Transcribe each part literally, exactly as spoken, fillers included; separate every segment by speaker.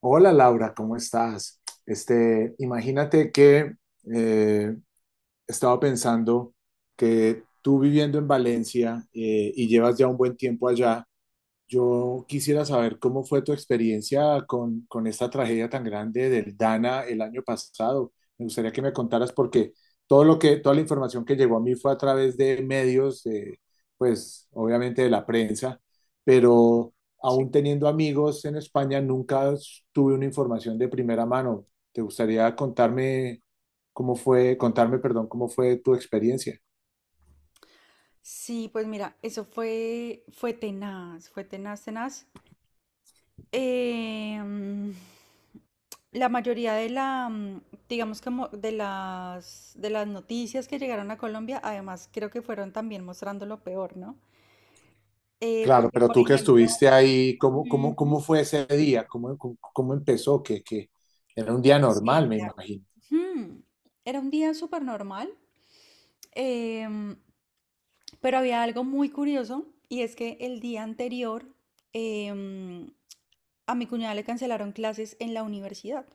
Speaker 1: Hola Laura, ¿cómo estás? Este, imagínate que eh, estaba pensando que tú viviendo en Valencia, eh, y llevas ya un buen tiempo allá, yo quisiera saber cómo fue tu experiencia con, con esta tragedia tan grande del Dana el año pasado. Me gustaría que me contaras porque todo lo que, toda la información que llegó a mí fue a través de medios, de, pues obviamente de la prensa, pero
Speaker 2: Sí.
Speaker 1: aún teniendo amigos en España nunca tuve una información de primera mano. ¿Te gustaría contarme cómo fue, contarme, perdón, cómo fue tu experiencia?
Speaker 2: Sí, pues mira, eso fue, fue tenaz, fue tenaz, tenaz. Em, la mayoría de la, mm, digamos como de las, de las noticias que llegaron a Colombia, además creo que fueron también mostrando lo peor, ¿no? Eh,
Speaker 1: Claro,
Speaker 2: porque,
Speaker 1: pero
Speaker 2: por
Speaker 1: tú que
Speaker 2: ejemplo,
Speaker 1: estuviste ahí, ¿cómo, cómo, cómo
Speaker 2: ujú,
Speaker 1: fue ese día? ¿Cómo, cómo, cómo empezó? Que, que era un día
Speaker 2: sí,
Speaker 1: normal, me
Speaker 2: mira,
Speaker 1: imagino.
Speaker 2: ujú, era un día súper normal, em, pero había algo muy curioso y es que el día anterior, em, a mi cuñada le cancelaron clases en la universidad.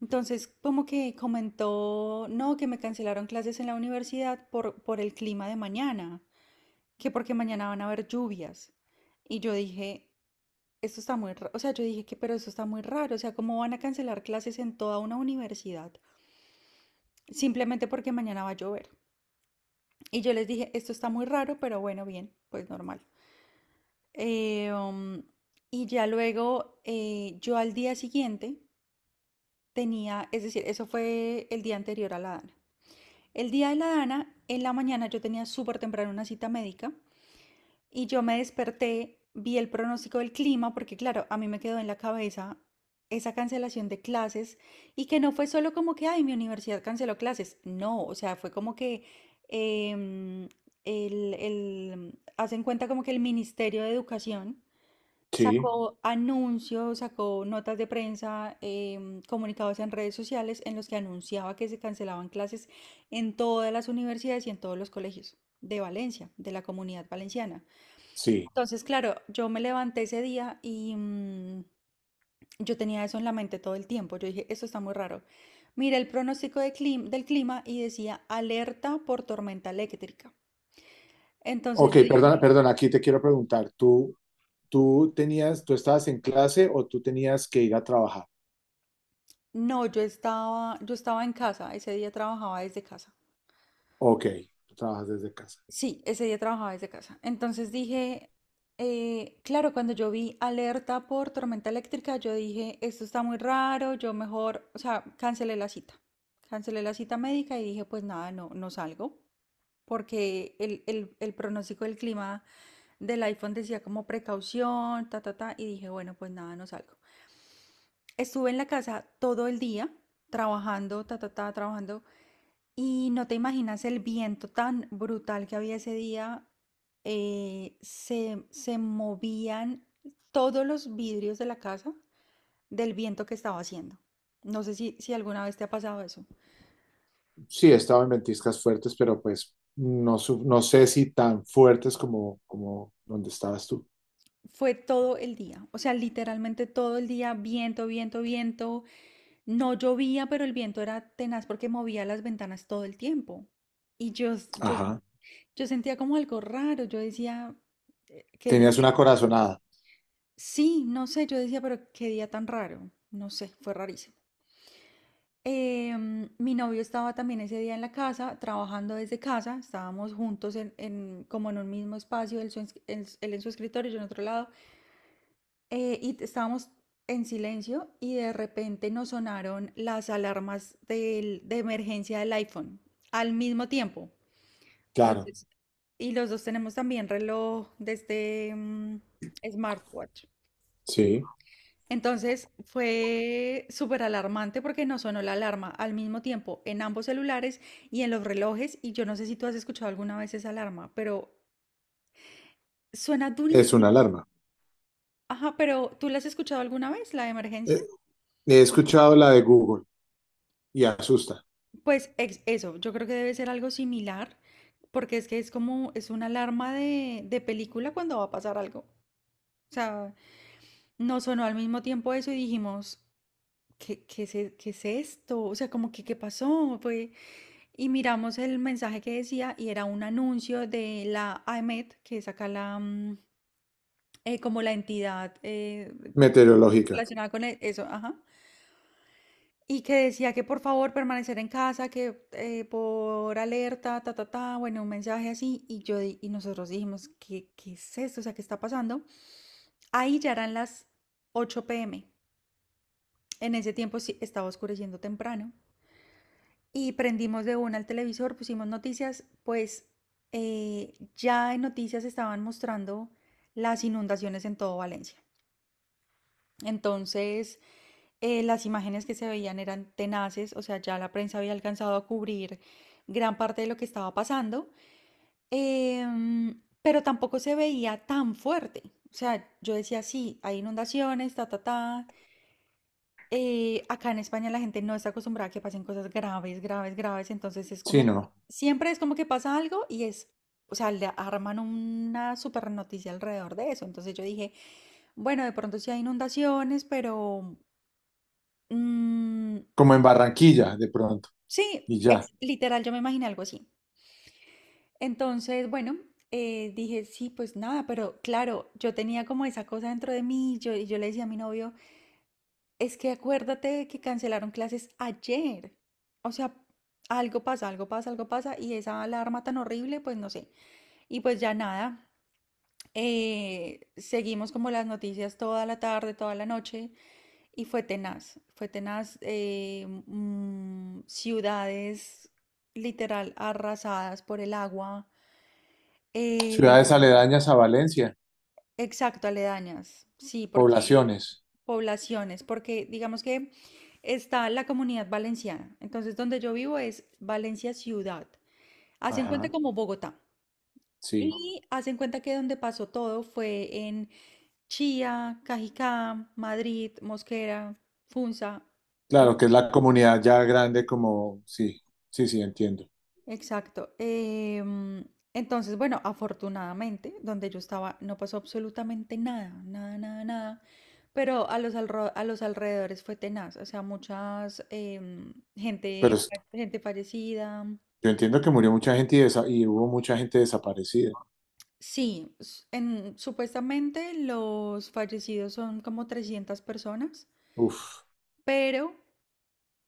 Speaker 2: Entonces, como que comentó, no, que me cancelaron clases en la universidad por, por el clima de mañana, que porque mañana van a haber lluvias. Y yo dije, esto está muy raro, o sea, yo dije que, pero esto está muy raro, o sea, ¿cómo van a cancelar clases en toda una universidad? Simplemente porque mañana va a llover. Y yo les dije, esto está muy raro, pero bueno, bien, pues normal. Eh, um, y ya luego, eh, yo al día siguiente tenía, es decir, eso fue el día anterior a la Dana. El día de la Dana, en la mañana yo tenía súper temprano una cita médica y yo me desperté, vi el pronóstico del clima, porque claro, a mí me quedó en la cabeza esa cancelación de clases y que no fue solo como que, ay, mi universidad canceló clases, no, o sea, fue como que em, el, el, hacen cuenta como que el Ministerio de Educación
Speaker 1: Sí,
Speaker 2: sacó anuncios, sacó notas de prensa, em, comunicados en redes sociales en los que anunciaba que se cancelaban clases en todas las universidades y en todos los colegios de Valencia, de la comunidad valenciana.
Speaker 1: sí.
Speaker 2: Entonces, claro, yo me levanté ese día y mm, yo tenía eso en la mente todo el tiempo. Yo dije, esto está muy raro. Miré el pronóstico de clim- del clima y decía alerta por tormenta eléctrica. Entonces
Speaker 1: Ok,
Speaker 2: yo
Speaker 1: perdona,
Speaker 2: dije,
Speaker 1: perdona, aquí te quiero preguntar, ¿tú, tú tenías, tú estabas en clase o tú tenías que ir a trabajar?
Speaker 2: no, yo estaba, yo estaba en casa, ese día trabajaba desde casa.
Speaker 1: Ok, tú trabajas desde casa.
Speaker 2: Sí, ese día trabajaba desde casa. Entonces dije, eh, claro, cuando yo vi alerta por tormenta eléctrica, yo dije, esto está muy raro, yo mejor, o sea, cancelé la cita. Cancelé la cita médica y dije, pues nada, no, no salgo, porque el, el, el pronóstico del clima del iPhone decía como precaución, ta, ta, ta, y dije, bueno, pues nada, no salgo. Estuve en la casa todo el día, trabajando, ta, ta, ta, trabajando. Y no te imaginas el viento tan brutal que había ese día. eh, se, se movían todos los vidrios de la casa del viento que estaba haciendo. No sé si, si alguna vez te ha pasado eso.
Speaker 1: Sí, estaba en ventiscas fuertes, pero pues no, su- no sé si tan fuertes como, como donde estabas tú.
Speaker 2: Fue todo el día, o sea, literalmente todo el día, viento, viento, viento. No llovía, pero el viento era tenaz porque movía las ventanas todo el tiempo. Y yo, yo,
Speaker 1: Ajá.
Speaker 2: yo sentía como algo raro. Yo decía, eh, ¿qué,
Speaker 1: Tenías una corazonada.
Speaker 2: Sí, no sé, yo decía, pero qué día tan raro, no sé, fue rarísimo. Em, mi novio estaba también ese día en la casa, trabajando desde casa, estábamos juntos en, en- como en un mismo espacio, él, su ens- en s- él en su escritorio, yo en otro lado, eh, y t- estábamos en silencio y de repente nos sonaron las alarmas del- de emergencia del iPhone al mismo tiempo.
Speaker 1: Claro,
Speaker 2: Entonces, y los dos tenemos también reloj de este mm, smartwatch.
Speaker 1: sí,
Speaker 2: Entonces fue superalarmante porque nos sonó la alarma al mismo tiempo en ambos celulares y en los relojes. Y yo no sé si tú has escuchado alguna vez esa alarma, pero suena
Speaker 1: es una
Speaker 2: durísimo.
Speaker 1: alarma.
Speaker 2: Ajá, pero ¿tú la has escuchado alguna vez, la de emergencia?
Speaker 1: Eh, He escuchado la de Google. Y asusta.
Speaker 2: Pues ex- eso, yo creo que debe ser algo similar, porque es que es como, es una alarma de, de película cuando va a pasar algo. O sea, nos sonó al mismo tiempo eso y dijimos, ¿qué, qué es, e- qué es esto? O sea, como que, ¿qué pasó? Fue, y miramos el mensaje que decía y era un anuncio de la AEMET, que es acá la, mm, eh, como la entidad eh, que-
Speaker 1: Meteorológica,
Speaker 2: relacionada con e- eso, ajá. Y que decía que por favor permanecer en casa, que eh, por alerta, ta, ta, ta, bueno, un mensaje así. Y yo di- y nosotros dijimos, ¿qué, qué es esto? O sea, ¿qué está pasando? Ahí ya eran las ocho p m. En ese tiempo sí estaba oscureciendo temprano. Y prendimos de una el televisor, pusimos noticias, pues eh, ya en noticias estaban mostrando las inundaciones en todo Valencia. Entonces, eh, las imágenes que se veían eran tenaces, o sea, ya la prensa había alcanzado a cubrir gran parte de lo que estaba pasando, em, pero tampoco se veía tan fuerte. O sea, yo decía, sí, hay inundaciones, ta, ta, ta, Eh, acá en España la gente no está acostumbrada a que pasen cosas graves, graves, graves, entonces es
Speaker 1: sí,
Speaker 2: como que
Speaker 1: no.
Speaker 2: siempre es como que pasa algo y es, o sea, le arman una super noticia alrededor de eso. Entonces yo dije, bueno, de pronto sí hay inundaciones, pero mm,
Speaker 1: Como en Barranquilla, de pronto,
Speaker 2: sí,
Speaker 1: y ya.
Speaker 2: ex- literal, yo me imaginé algo así. Entonces, bueno, eh, dije, sí, pues nada, pero claro, yo tenía como esa cosa dentro de mí, yo, y yo le decía a mi novio, es que acuérdate de que cancelaron clases ayer. O sea, algo pasa, algo pasa, algo pasa. Y esa alarma tan horrible, pues no sé. Y pues ya nada, eh, seguimos como las noticias toda la tarde, toda la noche. Y fue tenaz, fue tenaz. Eh, mm, ciudades literal arrasadas por el agua. eh,
Speaker 1: Ciudades aledañas a Valencia,
Speaker 2: Exacto, aledañas, sí, porque
Speaker 1: poblaciones.
Speaker 2: poblaciones, porque digamos que está la comunidad valenciana, entonces donde yo vivo es Valencia ciudad, hacen cuenta
Speaker 1: Ajá,
Speaker 2: como Bogotá,
Speaker 1: sí.
Speaker 2: y hacen cuenta que donde pasó todo fue en Chía, Cajicá, Madrid, Mosquera, Funza.
Speaker 1: Claro, que es la comunidad ya grande como, sí, sí, sí, entiendo.
Speaker 2: Exacto. Em, entonces, bueno, afortunadamente, donde yo estaba no pasó absolutamente nada, nada, nada, nada. Pero a los, alro- a los alrededores fue tenaz, o sea, muchas em,
Speaker 1: Pero
Speaker 2: gente,
Speaker 1: es,
Speaker 2: gente fallecida.
Speaker 1: yo entiendo que murió mucha gente y, desa- y hubo mucha gente desaparecida.
Speaker 2: Sí, s- en, supuestamente los fallecidos son como trescientas personas,
Speaker 1: Uf,
Speaker 2: pero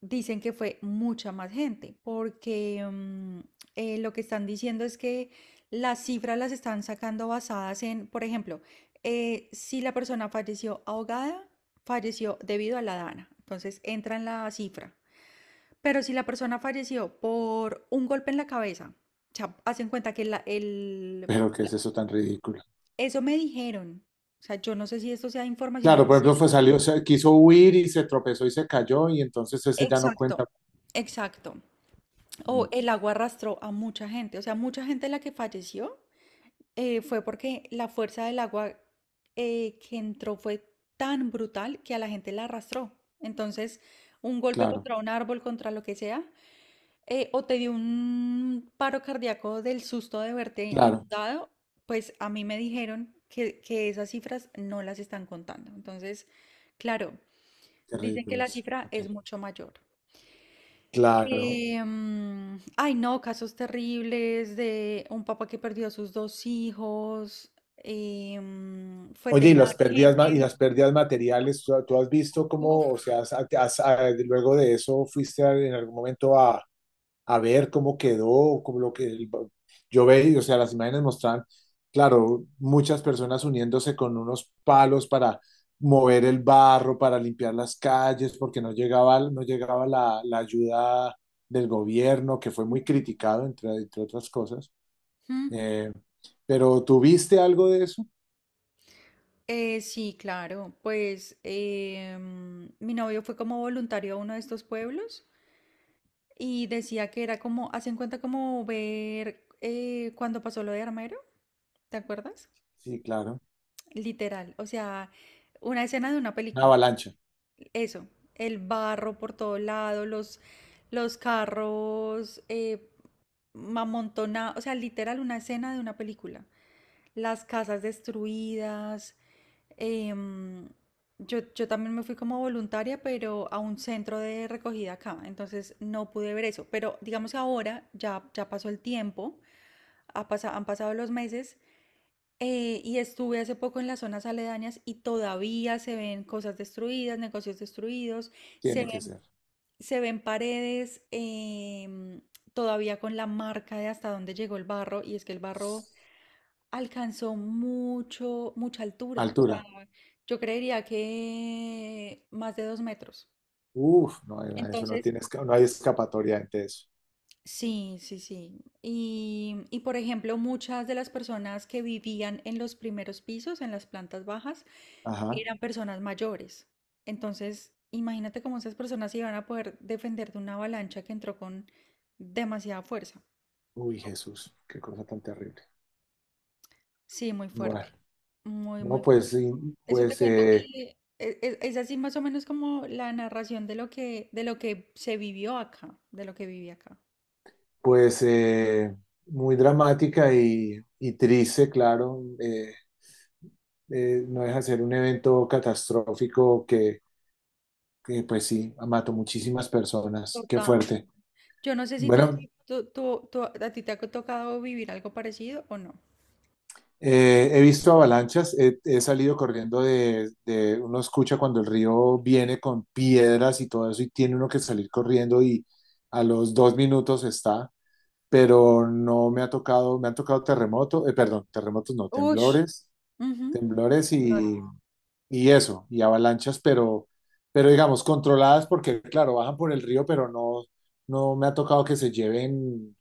Speaker 2: dicen que fue mucha más gente, porque mm, eh, lo que están diciendo es que las cifras las están sacando basadas en, por ejemplo, eh, si la persona falleció ahogada, falleció debido a la dana, entonces entra en la cifra. Pero si la persona falleció por un golpe en la cabeza, o sea, hacen cuenta que la- el,
Speaker 1: pero ¿qué es
Speaker 2: la-
Speaker 1: eso tan ridículo?
Speaker 2: eso me dijeron. O sea, yo no sé si esto sea información
Speaker 1: Claro, por
Speaker 2: oficial.
Speaker 1: ejemplo, fue salió, se- quiso huir y se tropezó y se cayó y entonces ese ya no
Speaker 2: Exacto,
Speaker 1: cuenta.
Speaker 2: exacto.
Speaker 1: Mm,
Speaker 2: O el agua arrastró a mucha gente, o sea, mucha gente la que falleció eh, fue porque la fuerza del agua eh, que entró fue tan brutal que a la gente la arrastró. Entonces, un golpe
Speaker 1: claro,
Speaker 2: contra un árbol, contra lo que sea, eh, o te dio un paro cardíaco del susto de verte
Speaker 1: claro,
Speaker 2: inundado, pues a mí me dijeron que, que esas cifras no las están contando. Entonces, claro,
Speaker 1: qué
Speaker 2: dicen que
Speaker 1: ridículo
Speaker 2: la
Speaker 1: es.
Speaker 2: cifra
Speaker 1: Ok.
Speaker 2: es mucho mayor.
Speaker 1: Claro.
Speaker 2: Eh, mm, ay, no, casos terribles de un papá que perdió a sus dos hijos. Eh, mm, fue
Speaker 1: Oye, y las
Speaker 2: tenaz,
Speaker 1: pérdidas, ma- y
Speaker 2: gente.
Speaker 1: las pérdidas materiales, ¿tú, tú has visto cómo, o
Speaker 2: Uf.
Speaker 1: sea, has- has- ah, luego de eso fuiste a- en algún momento a, a ver cómo quedó, como lo que el- yo veía, o sea, las imágenes mostraban, claro, muchas personas uniéndose con unos palos para mover el barro, para limpiar las calles, porque no llegaba, no llegaba la, la ayuda del gobierno, que fue muy criticado, entre, entre otras cosas.
Speaker 2: Mm,
Speaker 1: Eh, pero ¿tuviste algo de eso?
Speaker 2: eh, sí, claro. Pues eh, mm, mi novio fue como voluntario a uno de estos pueblos y decía que era como, hacen cuenta como ver eh, cuando pasó lo de Armero, ¿te acuerdas?
Speaker 1: Sí, claro.
Speaker 2: Literal, o sea, una escena de una
Speaker 1: Una
Speaker 2: película.
Speaker 1: avalancha,
Speaker 2: Eso, el barro por todo lado, los, los carros eh, amontonados, o sea, literal una escena de una película. Las casas destruidas. em, yo, yo también me fui como voluntaria, pero a un centro de recogida acá, entonces no pude ver eso. Pero digamos que ahora ya, ya pasó el tiempo, ha pasa- han pasado los meses. Eh, y estuve hace poco en las zonas aledañas y todavía se ven cosas destruidas, negocios destruidos, se
Speaker 1: tiene que ser.
Speaker 2: se ven paredes em, todavía con la marca de hasta dónde llegó el barro y es que el barro alcanzó mucho, mucha altura. O
Speaker 1: Altura.
Speaker 2: sea, yo creería que más de dos metros.
Speaker 1: Uf, no, eso no
Speaker 2: Entonces,
Speaker 1: tiene, esca- no hay escapatoria ante eso.
Speaker 2: sí, sí, sí. Y, y por ejemplo, muchas de las personas que vivían en los primeros pisos, en las plantas bajas,
Speaker 1: Ajá.
Speaker 2: eran personas mayores. Entonces, imagínate cómo esas personas se iban a poder defender de una avalancha que entró con demasiada fuerza.
Speaker 1: Uy, Jesús, qué cosa tan terrible.
Speaker 2: Sí, muy
Speaker 1: Bueno,
Speaker 2: fuerte, muy, muy
Speaker 1: no, pues,
Speaker 2: fuerte.
Speaker 1: sí,
Speaker 2: Eso te
Speaker 1: pues,
Speaker 2: cuento
Speaker 1: eh,
Speaker 2: que e- e- es, así más o menos como la narración de lo que, de lo que se vivió acá, de lo que viví acá.
Speaker 1: pues eh, muy dramática y, y triste, claro. eh, eh, no deja de ser un evento catastrófico que, que, pues sí, mató muchísimas personas. Qué
Speaker 2: Total.
Speaker 1: fuerte.
Speaker 2: Yo no sé si tú, has
Speaker 1: Bueno,
Speaker 2: vi- tú- tú- tú- a ti te ha tocado vivir algo parecido o no.
Speaker 1: eh, he visto avalanchas, he, he salido corriendo de, de, uno escucha cuando el río viene con piedras y todo eso y tiene uno que salir corriendo y a los dos minutos está. Pero no me ha tocado, me han tocado terremotos, perdón, terremotos no,
Speaker 2: Ush.
Speaker 1: temblores,
Speaker 2: Ujú.
Speaker 1: temblores y, y eso, y avalanchas, pero, pero digamos, controladas porque, claro, bajan por el río, pero no, no me ha tocado que se lleven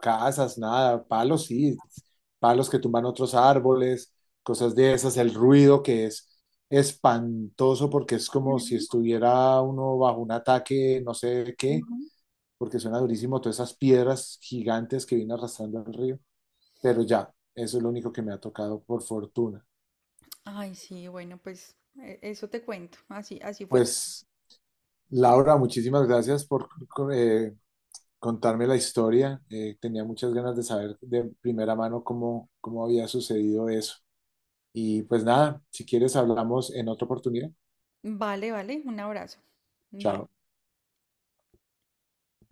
Speaker 1: casas, nada, palos sí, palos que tumban otros árboles, cosas de esas, el ruido que es espantoso porque es como si estuviera uno bajo un ataque, no sé de qué, porque suena durísimo todas esas piedras gigantes que vino arrastrando el río, pero ya, eso es lo único que me ha tocado por fortuna.
Speaker 2: Ay, sí, bueno, pues e- eso te cuento. Así, así fue.
Speaker 1: Pues, Laura, muchísimas gracias por eh, contarme la historia. Eh, tenía muchas ganas de saber de primera mano cómo, cómo había sucedido eso. Y pues nada, si quieres hablamos en otra oportunidad.
Speaker 2: Vale, vale, un abrazo. Bye.
Speaker 1: Chao.